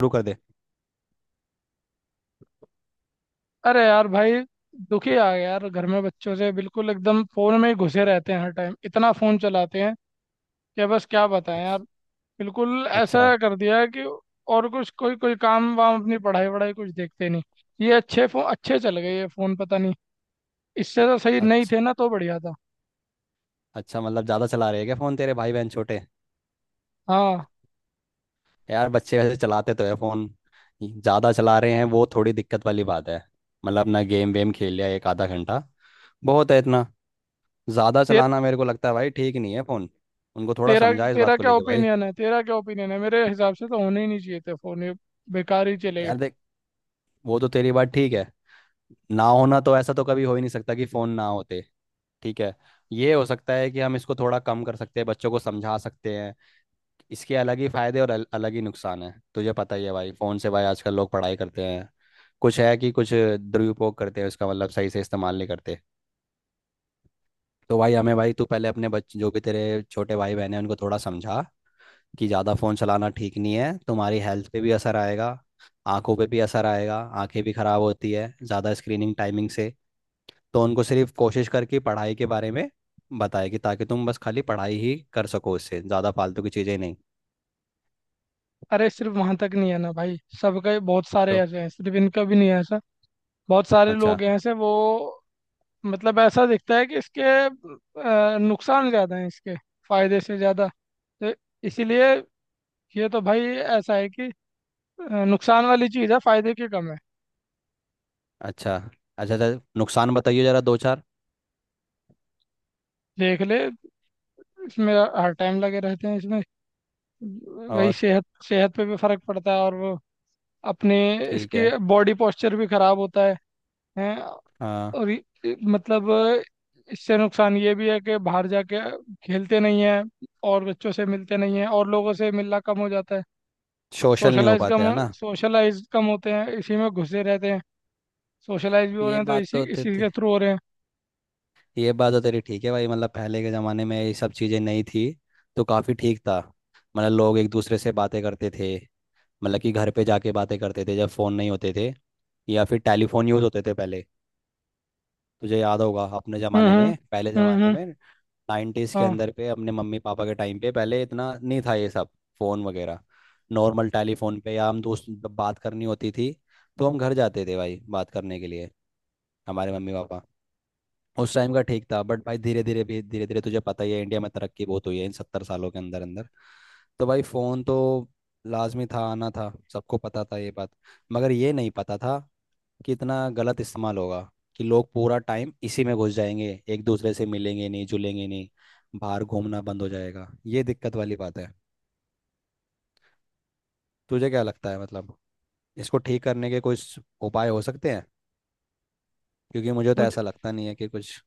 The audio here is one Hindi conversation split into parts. शुरू कर दे। अरे यार भाई, दुखी आ गया यार। घर में बच्चों से बिल्कुल एकदम फोन में ही घुसे रहते हैं। हर टाइम इतना फोन चलाते हैं कि बस क्या बताएं यार। अच्छा। बिल्कुल अच्छा। ऐसा कर दिया है कि और कुछ, कोई कोई काम वाम अपनी पढ़ाई वढ़ाई कुछ देखते नहीं। ये अच्छे फोन, अच्छे चल गए ये फोन, पता नहीं। इससे तो सही नहीं अच्छा। थे ना, तो बढ़िया था। अच्छा, मतलब ज़्यादा चला रहे हैं क्या फ़ोन? तेरे भाई बहन छोटे? हाँ। यार, बच्चे वैसे चलाते तो है फ़ोन। ज़्यादा चला रहे हैं वो थोड़ी दिक्कत वाली बात है। मतलब ना, गेम वेम खेल लिया एक आधा घंटा, बहुत है इतना। ज़्यादा ते, चलाना मेरे को लगता है भाई ठीक नहीं है फ़ोन। उनको थोड़ा तेरा समझा इस बात तेरा को क्या लेके भाई। ओपिनियन है? तेरा क्या ओपिनियन है? मेरे हिसाब से तो होने ही नहीं चाहिए थे फोन ये। बेकार ही चले गए। यार देख, वो तो तेरी बात ठीक है। ना होना, तो ऐसा तो कभी हो ही नहीं सकता कि फ़ोन ना होते। ठीक है, ये हो सकता है कि हम इसको थोड़ा कम कर सकते हैं, बच्चों को समझा सकते हैं। इसके अलग ही फायदे और अलग ही नुकसान है। तुझे पता ही है भाई, फोन से भाई आजकल लोग पढ़ाई करते हैं। कुछ है कि कुछ दुरुपयोग करते हैं उसका, मतलब सही से इस्तेमाल नहीं करते। तो भाई हमें, भाई तू पहले अपने बच्चे, जो भी तेरे छोटे भाई बहन हैं, उनको थोड़ा समझा कि ज़्यादा फ़ोन चलाना ठीक नहीं है, तुम्हारी हेल्थ पे भी असर आएगा, आंखों पे भी असर आएगा, आंखें भी ख़राब होती है ज़्यादा स्क्रीनिंग टाइमिंग से। तो उनको सिर्फ कोशिश करके पढ़ाई के बारे में बताए कि, ताकि तुम बस खाली पढ़ाई ही कर सको, उससे ज़्यादा फालतू की चीज़ें नहीं। अरे सिर्फ वहां तक नहीं है ना भाई, सबके बहुत सारे तो ऐसे हैं, सिर्फ इनका भी नहीं है ऐसा। बहुत सारे अच्छा। लोग हैं ऐसे वो। मतलब ऐसा दिखता है कि इसके नुकसान ज़्यादा हैं इसके फायदे से ज़्यादा। तो इसीलिए, ये तो भाई ऐसा है कि नुकसान वाली चीज़ है, फायदे के कम है। अच्छा। अच्छा। अच्छा, नुकसान बताइए जरा दो चार। देख ले, इसमें हर टाइम लगे रहते हैं इसमें। वही, और? सेहत सेहत पे भी फर्क पड़ता है और वो अपने ठीक इसके है। बॉडी पोस्चर भी खराब होता है। हैं। हाँ। और मतलब इससे नुकसान ये भी है कि बाहर जाके खेलते नहीं हैं और बच्चों से मिलते नहीं हैं और लोगों से मिलना कम हो जाता है। सोशल नहीं हो सोशलाइज पाते कम, है ना। सोशलाइज कम होते हैं, इसी में घुसे रहते हैं। सोशलाइज भी हो रहे ये हैं तो बात इसी तो ते, इसी ते, के थ्रू हो रहे हैं। ये बात तो तेरी ठीक है भाई। मतलब पहले के ज़माने में ये सब चीज़ें नहीं थी, तो काफ़ी ठीक था। मतलब लोग एक दूसरे से बातें करते थे, मतलब कि घर पे जाके बातें करते थे, जब फ़ोन नहीं होते थे या फिर टेलीफोन यूज़ होते थे पहले। तुझे याद होगा अपने ज़माने हम्म। में, पहले ज़माने हम्म। में, 90s के हाँ। अंदर पे, अपने मम्मी पापा के टाइम पे पहले इतना नहीं था ये सब, फोन वगैरह। नॉर्मल टेलीफोन पे, या हम दोस्त जब बात करनी होती थी, तो हम घर जाते थे भाई बात करने के लिए, हमारे मम्मी पापा। उस टाइम का ठीक था, बट भाई धीरे धीरे भी धीरे धीरे तुझे पता ही है, इंडिया में तरक्की बहुत हुई है इन 70 सालों के अंदर अंदर। तो भाई फोन तो लाजमी था आना, था सबको पता था ये बात। मगर ये नहीं पता था कितना गलत इस्तेमाल होगा, कि लोग पूरा टाइम इसी में घुस जाएंगे, एक दूसरे से मिलेंगे नहीं, जुलेंगे नहीं, बाहर घूमना बंद हो जाएगा। ये दिक्कत वाली बात है। तुझे क्या लगता है मतलब, इसको ठीक करने के कुछ उपाय हो सकते हैं? क्योंकि मुझे तो मुझे, ऐसा लगता नहीं है कि कुछ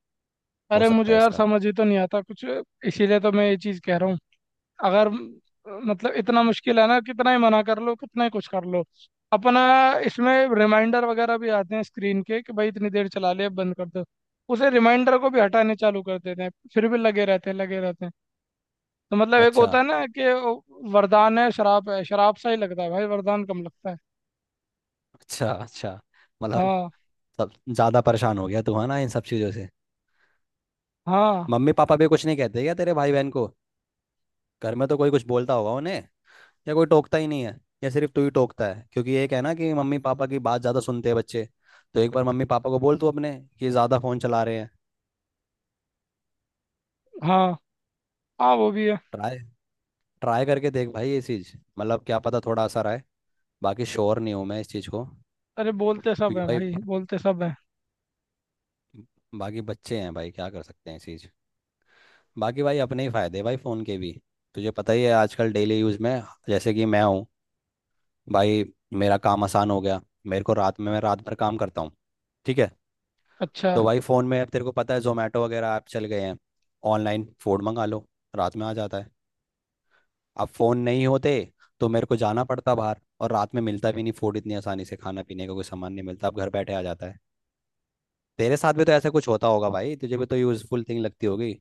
हो अरे सकता मुझे है यार इसका। समझ ही तो नहीं आता कुछ। इसीलिए तो मैं ये चीज़ कह रहा हूँ। अगर म- मतलब इतना मुश्किल है ना, कितना ही मना कर लो, कितना ही कुछ कर लो अपना। इसमें रिमाइंडर वगैरह भी आते हैं स्क्रीन के कि भाई इतनी देर चला लिया, बंद कर दो। उसे रिमाइंडर को भी हटाने चालू कर देते हैं, फिर भी लगे रहते हैं लगे रहते हैं। तो मतलब एक अच्छा। होता है ना कि वो वरदान है। शराब है, शराब सा ही लगता है भाई, वरदान कम लगता है। अच्छा। अच्छा, मतलब हाँ। सब ज़्यादा परेशान हो गया तू है ना इन सब चीज़ों से। हाँ। मम्मी पापा भी कुछ नहीं कहते क्या तेरे भाई बहन को? घर में तो कोई कुछ बोलता होगा उन्हें, या कोई टोकता ही नहीं है, या सिर्फ तू ही टोकता है? क्योंकि ये क्या है ना कि मम्मी पापा की बात ज़्यादा सुनते हैं बच्चे। तो एक बार मम्मी पापा को बोल तू अपने, कि ज़्यादा फ़ोन चला रहे हैं। हाँ, हाँ वो भी है। ट्राई, ट्राई करके देख भाई ये चीज़। मतलब क्या पता थोड़ा असर आए। बाकी श्योर नहीं हूँ मैं इस चीज़ को, अरे बोलते सब क्योंकि हैं भाई भाई, बोलते सब हैं। बाकी बच्चे हैं भाई, क्या कर सकते हैं इस चीज़? बाकी भाई अपने ही फ़ायदे भाई फ़ोन के भी। तुझे पता ही है आजकल डेली यूज़ में, जैसे कि मैं हूँ भाई, मेरा काम आसान हो गया। मेरे को रात में, मैं रात भर काम करता हूँ, ठीक है? अच्छा। तो भाई फ़ोन में अब तेरे को पता है, जोमेटो वगैरह ऐप चल गए हैं, ऑनलाइन फूड मंगा लो, रात में आ जाता है। अब फ़ोन नहीं होते तो मेरे को जाना पड़ता बाहर, और रात में मिलता भी नहीं फूड इतनी आसानी से, खाना पीने का कोई सामान नहीं मिलता, अब घर बैठे आ जाता है। तेरे साथ भी तो ऐसा कुछ होता होगा भाई, तुझे भी तो यूज़फुल थिंग लगती होगी।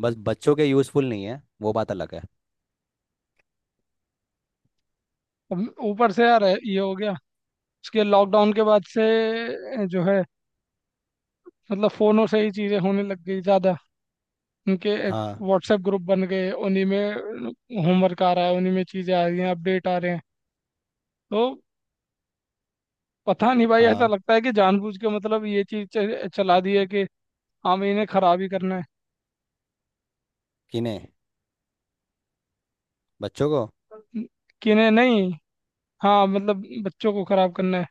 बस बच्चों के यूज़फुल नहीं है, वो बात अलग है। अब ऊपर से यार ये हो गया उसके, लॉकडाउन के बाद से जो है, मतलब फोनों से ही चीजें होने लग गई ज्यादा। उनके एक हाँ। व्हाट्सएप ग्रुप बन गए उन्हीं में, होमवर्क आ रहा है उन्हीं में, चीजें आ रही हैं, अपडेट आ रहे हैं। तो पता नहीं भाई, ऐसा हाँ। लगता है कि जानबूझ के मतलब ये चीज चला दी है कि हाँ भाई, इन्हें खराब ही करना है। किन्हें, बच्चों को? न- कि इन्हें नहीं, हाँ मतलब बच्चों को खराब करना है।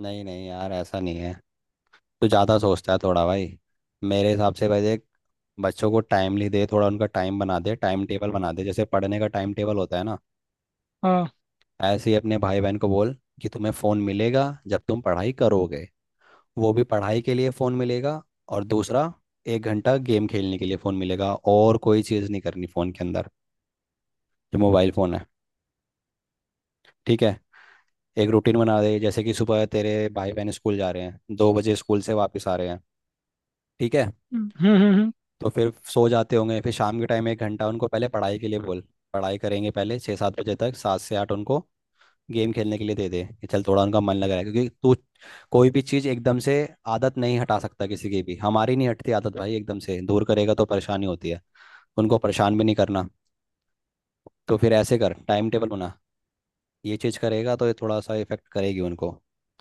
नहीं नहीं यार, ऐसा नहीं है। तू ज़्यादा सोचता है थोड़ा भाई। मेरे हिसाब से भाई देख, बच्चों को टाइमली दे, थोड़ा उनका टाइम बना दे, टाइम टेबल बना दे, जैसे पढ़ने का टाइम टेबल होता है ना। हाँ। ऐसे ही अपने भाई बहन को बोल कि तुम्हें फ़ोन मिलेगा जब तुम पढ़ाई करोगे, वो भी पढ़ाई के लिए फ़ोन मिलेगा। और दूसरा, 1 घंटा गेम खेलने के लिए फ़ोन मिलेगा, और कोई चीज़ नहीं करनी फ़ोन के अंदर, जो मोबाइल फ़ोन है। ठीक है? एक रूटीन बना दे, जैसे कि सुबह तेरे भाई बहन स्कूल जा रहे हैं, 2 बजे स्कूल से वापस आ रहे हैं, ठीक है? हम्म। तो फिर सो जाते होंगे। फिर शाम के टाइम 1 घंटा उनको, पहले पढ़ाई के लिए बोल, पढ़ाई करेंगे पहले 6-7 बजे तक। 7 से 8 उनको गेम खेलने के लिए दे दे, कि चल थोड़ा उनका मन लग रहा है। क्योंकि तू कोई भी चीज़ एकदम से, आदत नहीं हटा सकता किसी की भी, हमारी नहीं हटती आदत भाई, एकदम से दूर करेगा तो परेशानी होती है। उनको परेशान भी नहीं करना। तो फिर ऐसे कर, टाइम टेबल बना। ये चीज़ करेगा तो ये थोड़ा सा इफेक्ट करेगी उनको,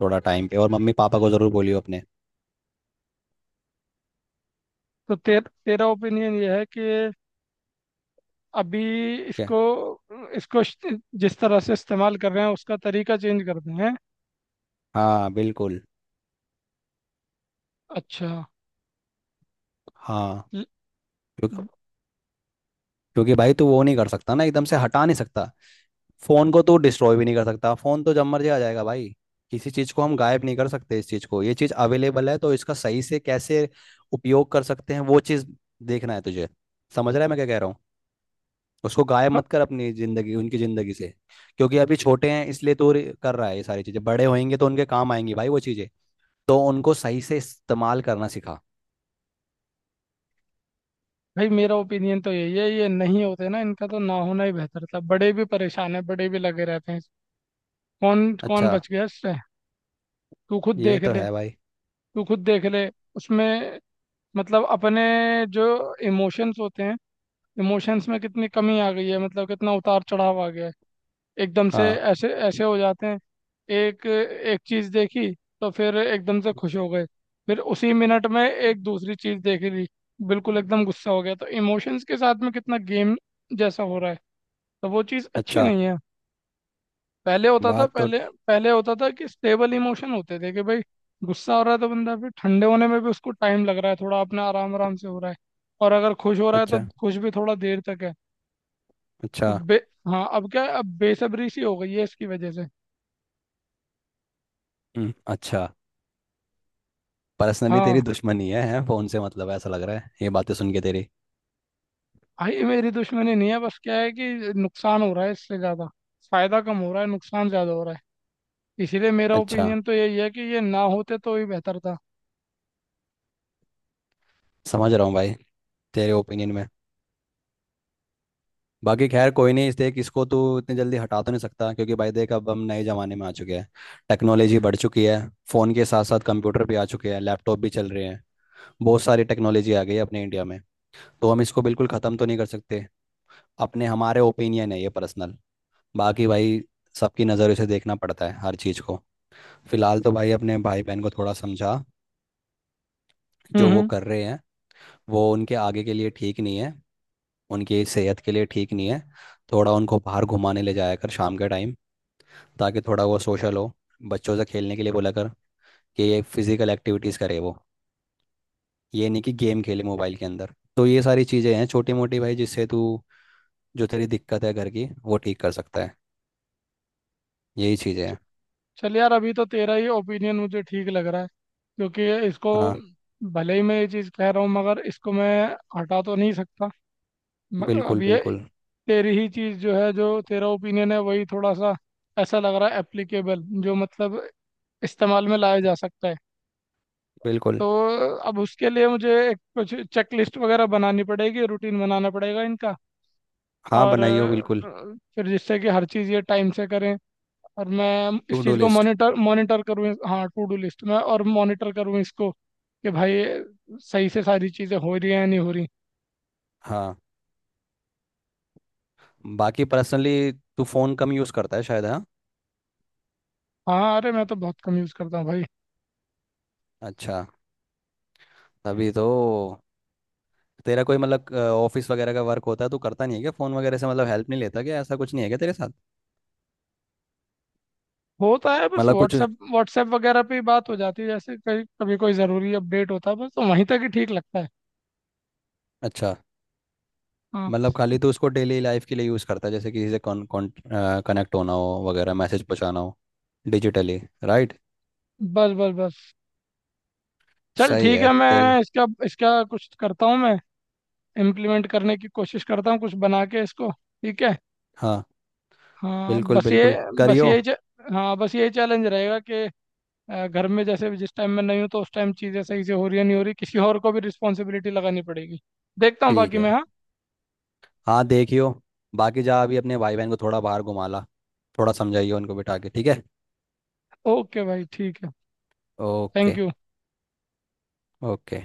थोड़ा टाइम पे, और मम्मी पापा को ज़रूर बोलियो अपने। तो तेरा ओपिनियन ये है कि अभी क्या? इसको, इसको श- जिस तरह से इस्तेमाल कर रहे हैं उसका तरीका चेंज कर दें हैं? हाँ बिल्कुल। अच्छा। हाँ, ल- क्योंकि, क्योंकि भाई तू वो नहीं कर सकता ना, एकदम से हटा नहीं सकता फोन को। तू डिस्ट्रॉय भी नहीं कर सकता, फोन तो जब मर्जी आ जाएगा भाई। किसी चीज को हम गायब नहीं कर सकते इस चीज को, ये चीज अवेलेबल है, तो इसका सही से कैसे उपयोग कर सकते हैं वो चीज देखना है तुझे। समझ रहा है मैं क्या कह रहा हूँ? उसको गायब मत कर अपनी जिंदगी, उनकी जिंदगी से। क्योंकि अभी छोटे हैं इसलिए तो कर रहा है ये सारी चीजें, बड़े होंगे तो उनके काम आएंगी भाई वो चीजें। तो उनको सही से इस्तेमाल करना सिखा। भाई मेरा ओपिनियन तो यही है, ये नहीं होते ना, इनका तो ना होना ही बेहतर था। बड़े भी परेशान है, बड़े भी लगे रहते हैं। कौन कौन अच्छा। बच गया इससे? तू खुद ये देख तो ले। है भाई। तू खुद देख ले। उसमें मतलब अपने जो इमोशंस होते हैं, इमोशंस में कितनी कमी आ गई है, मतलब कितना उतार चढ़ाव आ गया है एकदम से। हाँ। ऐसे ऐसे हो जाते हैं, एक एक चीज़ देखी तो फिर एकदम से खुश हो गए, फिर उसी मिनट में एक दूसरी चीज़ देख ली, बिल्कुल एकदम गुस्सा हो गया। तो इमोशंस के साथ में कितना गेम जैसा हो रहा है, तो वो चीज़ अच्छी अच्छा। नहीं है। पहले होता था, बात तो, पहले, पहले होता था कि स्टेबल इमोशन होते थे कि भाई गुस्सा हो रहा है तो बंदा फिर ठंडे होने में भी उसको टाइम लग रहा है, थोड़ा अपना आराम आराम से हो रहा है। और अगर खुश हो रहा है तो अच्छा। खुश भी थोड़ा देर तक है। अच्छा। तो बे हाँ, अब क्या है, अब बेसब्री सी हो गई है इसकी वजह से। अच्छा। पर्सनली तेरी हाँ। दुश्मनी है फोन से मतलब, है, ऐसा लग रहा है ये बातें सुन के तेरी। भाई ये मेरी दुश्मनी नहीं है, बस क्या है कि नुकसान हो रहा है इससे ज़्यादा। फायदा कम हो रहा है, नुकसान ज़्यादा हो रहा है। इसीलिए मेरा अच्छा, ओपिनियन तो यही है कि ये ना होते तो ही बेहतर था। समझ रहा हूँ भाई तेरे ओपिनियन में। बाकी खैर कोई नहीं, इस, देख इसको तू इतनी जल्दी हटा तो नहीं सकता, क्योंकि भाई देख अब हम नए ज़माने में आ चुके हैं, टेक्नोलॉजी बढ़ चुकी है। फ़ोन के साथ साथ कंप्यूटर भी आ चुके हैं, लैपटॉप भी चल रहे हैं, बहुत सारी टेक्नोलॉजी आ गई है अपने इंडिया में। तो हम इसको बिल्कुल ख़त्म तो नहीं कर सकते। अपने हमारे ओपिनियन है ये पर्सनल। बाकी भाई सबकी नज़रों से देखना पड़ता है हर चीज़ को। फिलहाल तो भाई अपने भाई बहन को थोड़ा समझा, हम्म जो वो हम्म। कर रहे हैं वो उनके आगे के लिए ठीक नहीं है, उनकी सेहत के लिए ठीक नहीं है। थोड़ा उनको बाहर घुमाने ले जाया कर शाम के टाइम, ताकि थोड़ा वो सोशल हो, बच्चों से खेलने के लिए बोला कर, कि ये फिजिकल एक्टिविटीज़ करे वो। ये नहीं कि गेम खेले मोबाइल के अंदर। तो ये सारी चीज़ें हैं छोटी मोटी भाई, जिससे तू, जो तेरी दिक्कत है घर की, वो ठीक कर सकता है। यही चीज़ें हैं। चल यार, अभी तो तेरा ही ओपिनियन मुझे ठीक लग रहा है क्योंकि इसको, हाँ भले ही मैं ये चीज़ कह रहा हूँ मगर इसको मैं हटा तो नहीं सकता। अब बिल्कुल। ये बिल्कुल। तेरी ही चीज़ जो है, जो तेरा ओपिनियन है वही थोड़ा सा ऐसा लग रहा है एप्लीकेबल, जो मतलब इस्तेमाल में लाया जा सकता है। बिल्कुल। तो अब उसके लिए मुझे एक कुछ चेक लिस्ट वगैरह बनानी पड़ेगी, रूटीन बनाना पड़ेगा इनका। हाँ और बनाइयो बिल्कुल। फिर जिससे कि हर चीज़ ये टाइम से करें और मैं टू इस डू चीज़ को लिस्ट। मॉनिटर मॉनिटर करूँ। हाँ, टू डू लिस्ट में, और मॉनिटर करूँ इसको कि भाई सही से सारी चीज़ें हो रही हैं या नहीं हो रही। हाँ। बाकी पर्सनली तू फ़ोन कम यूज़ करता है शायद, हाँ? हाँ, अरे मैं तो बहुत कम यूज़ करता हूँ भाई। अच्छा, तभी तो। तेरा कोई मतलब ऑफिस वगैरह का वर्क होता है, तू करता नहीं है क्या फोन वगैरह से, मतलब हेल्प नहीं लेता क्या, ऐसा कुछ नहीं है क्या तेरे साथ? होता है, बस मतलब कुछ, व्हाट्सएप व्हाट्सएप वगैरह पे ही बात हो जाती है, जैसे कभी कभी कोई ज़रूरी अपडेट होता है बस, तो वहीं तक ही ठीक लगता है। अच्छा। हाँ मतलब बस। खाली तू उसको डेली लाइफ के लिए यूज़ करता है, जैसे किसी से, कौन कौन कनेक्ट होना हो वगैरह, मैसेज पहुँचाना हो डिजिटली, राइट? बस बस। चल सही ठीक है है, तेरी। मैं इसका इसका कुछ करता हूँ मैं, इम्प्लीमेंट करने की कोशिश करता हूँ कुछ बना के इसको। ठीक है। हाँ हाँ बिल्कुल, बस ये, बिल्कुल बस करियो। यही च- हाँ बस यही चैलेंज रहेगा कि घर में जैसे जिस टाइम मैं नहीं हूँ तो उस टाइम चीज़ें सही से हो रही है नहीं हो रही, किसी और को भी रिस्पॉन्सिबिलिटी लगानी पड़ेगी। देखता हूँ ठीक बाकी मैं। है। हाँ। हाँ देखियो। बाकी जा अभी, अपने भाई बहन को थोड़ा बाहर घुमा ला, थोड़ा समझाइए उनको बिठा के, ठीक है? ओके भाई, ठीक है। ओके। Thank you. ओके।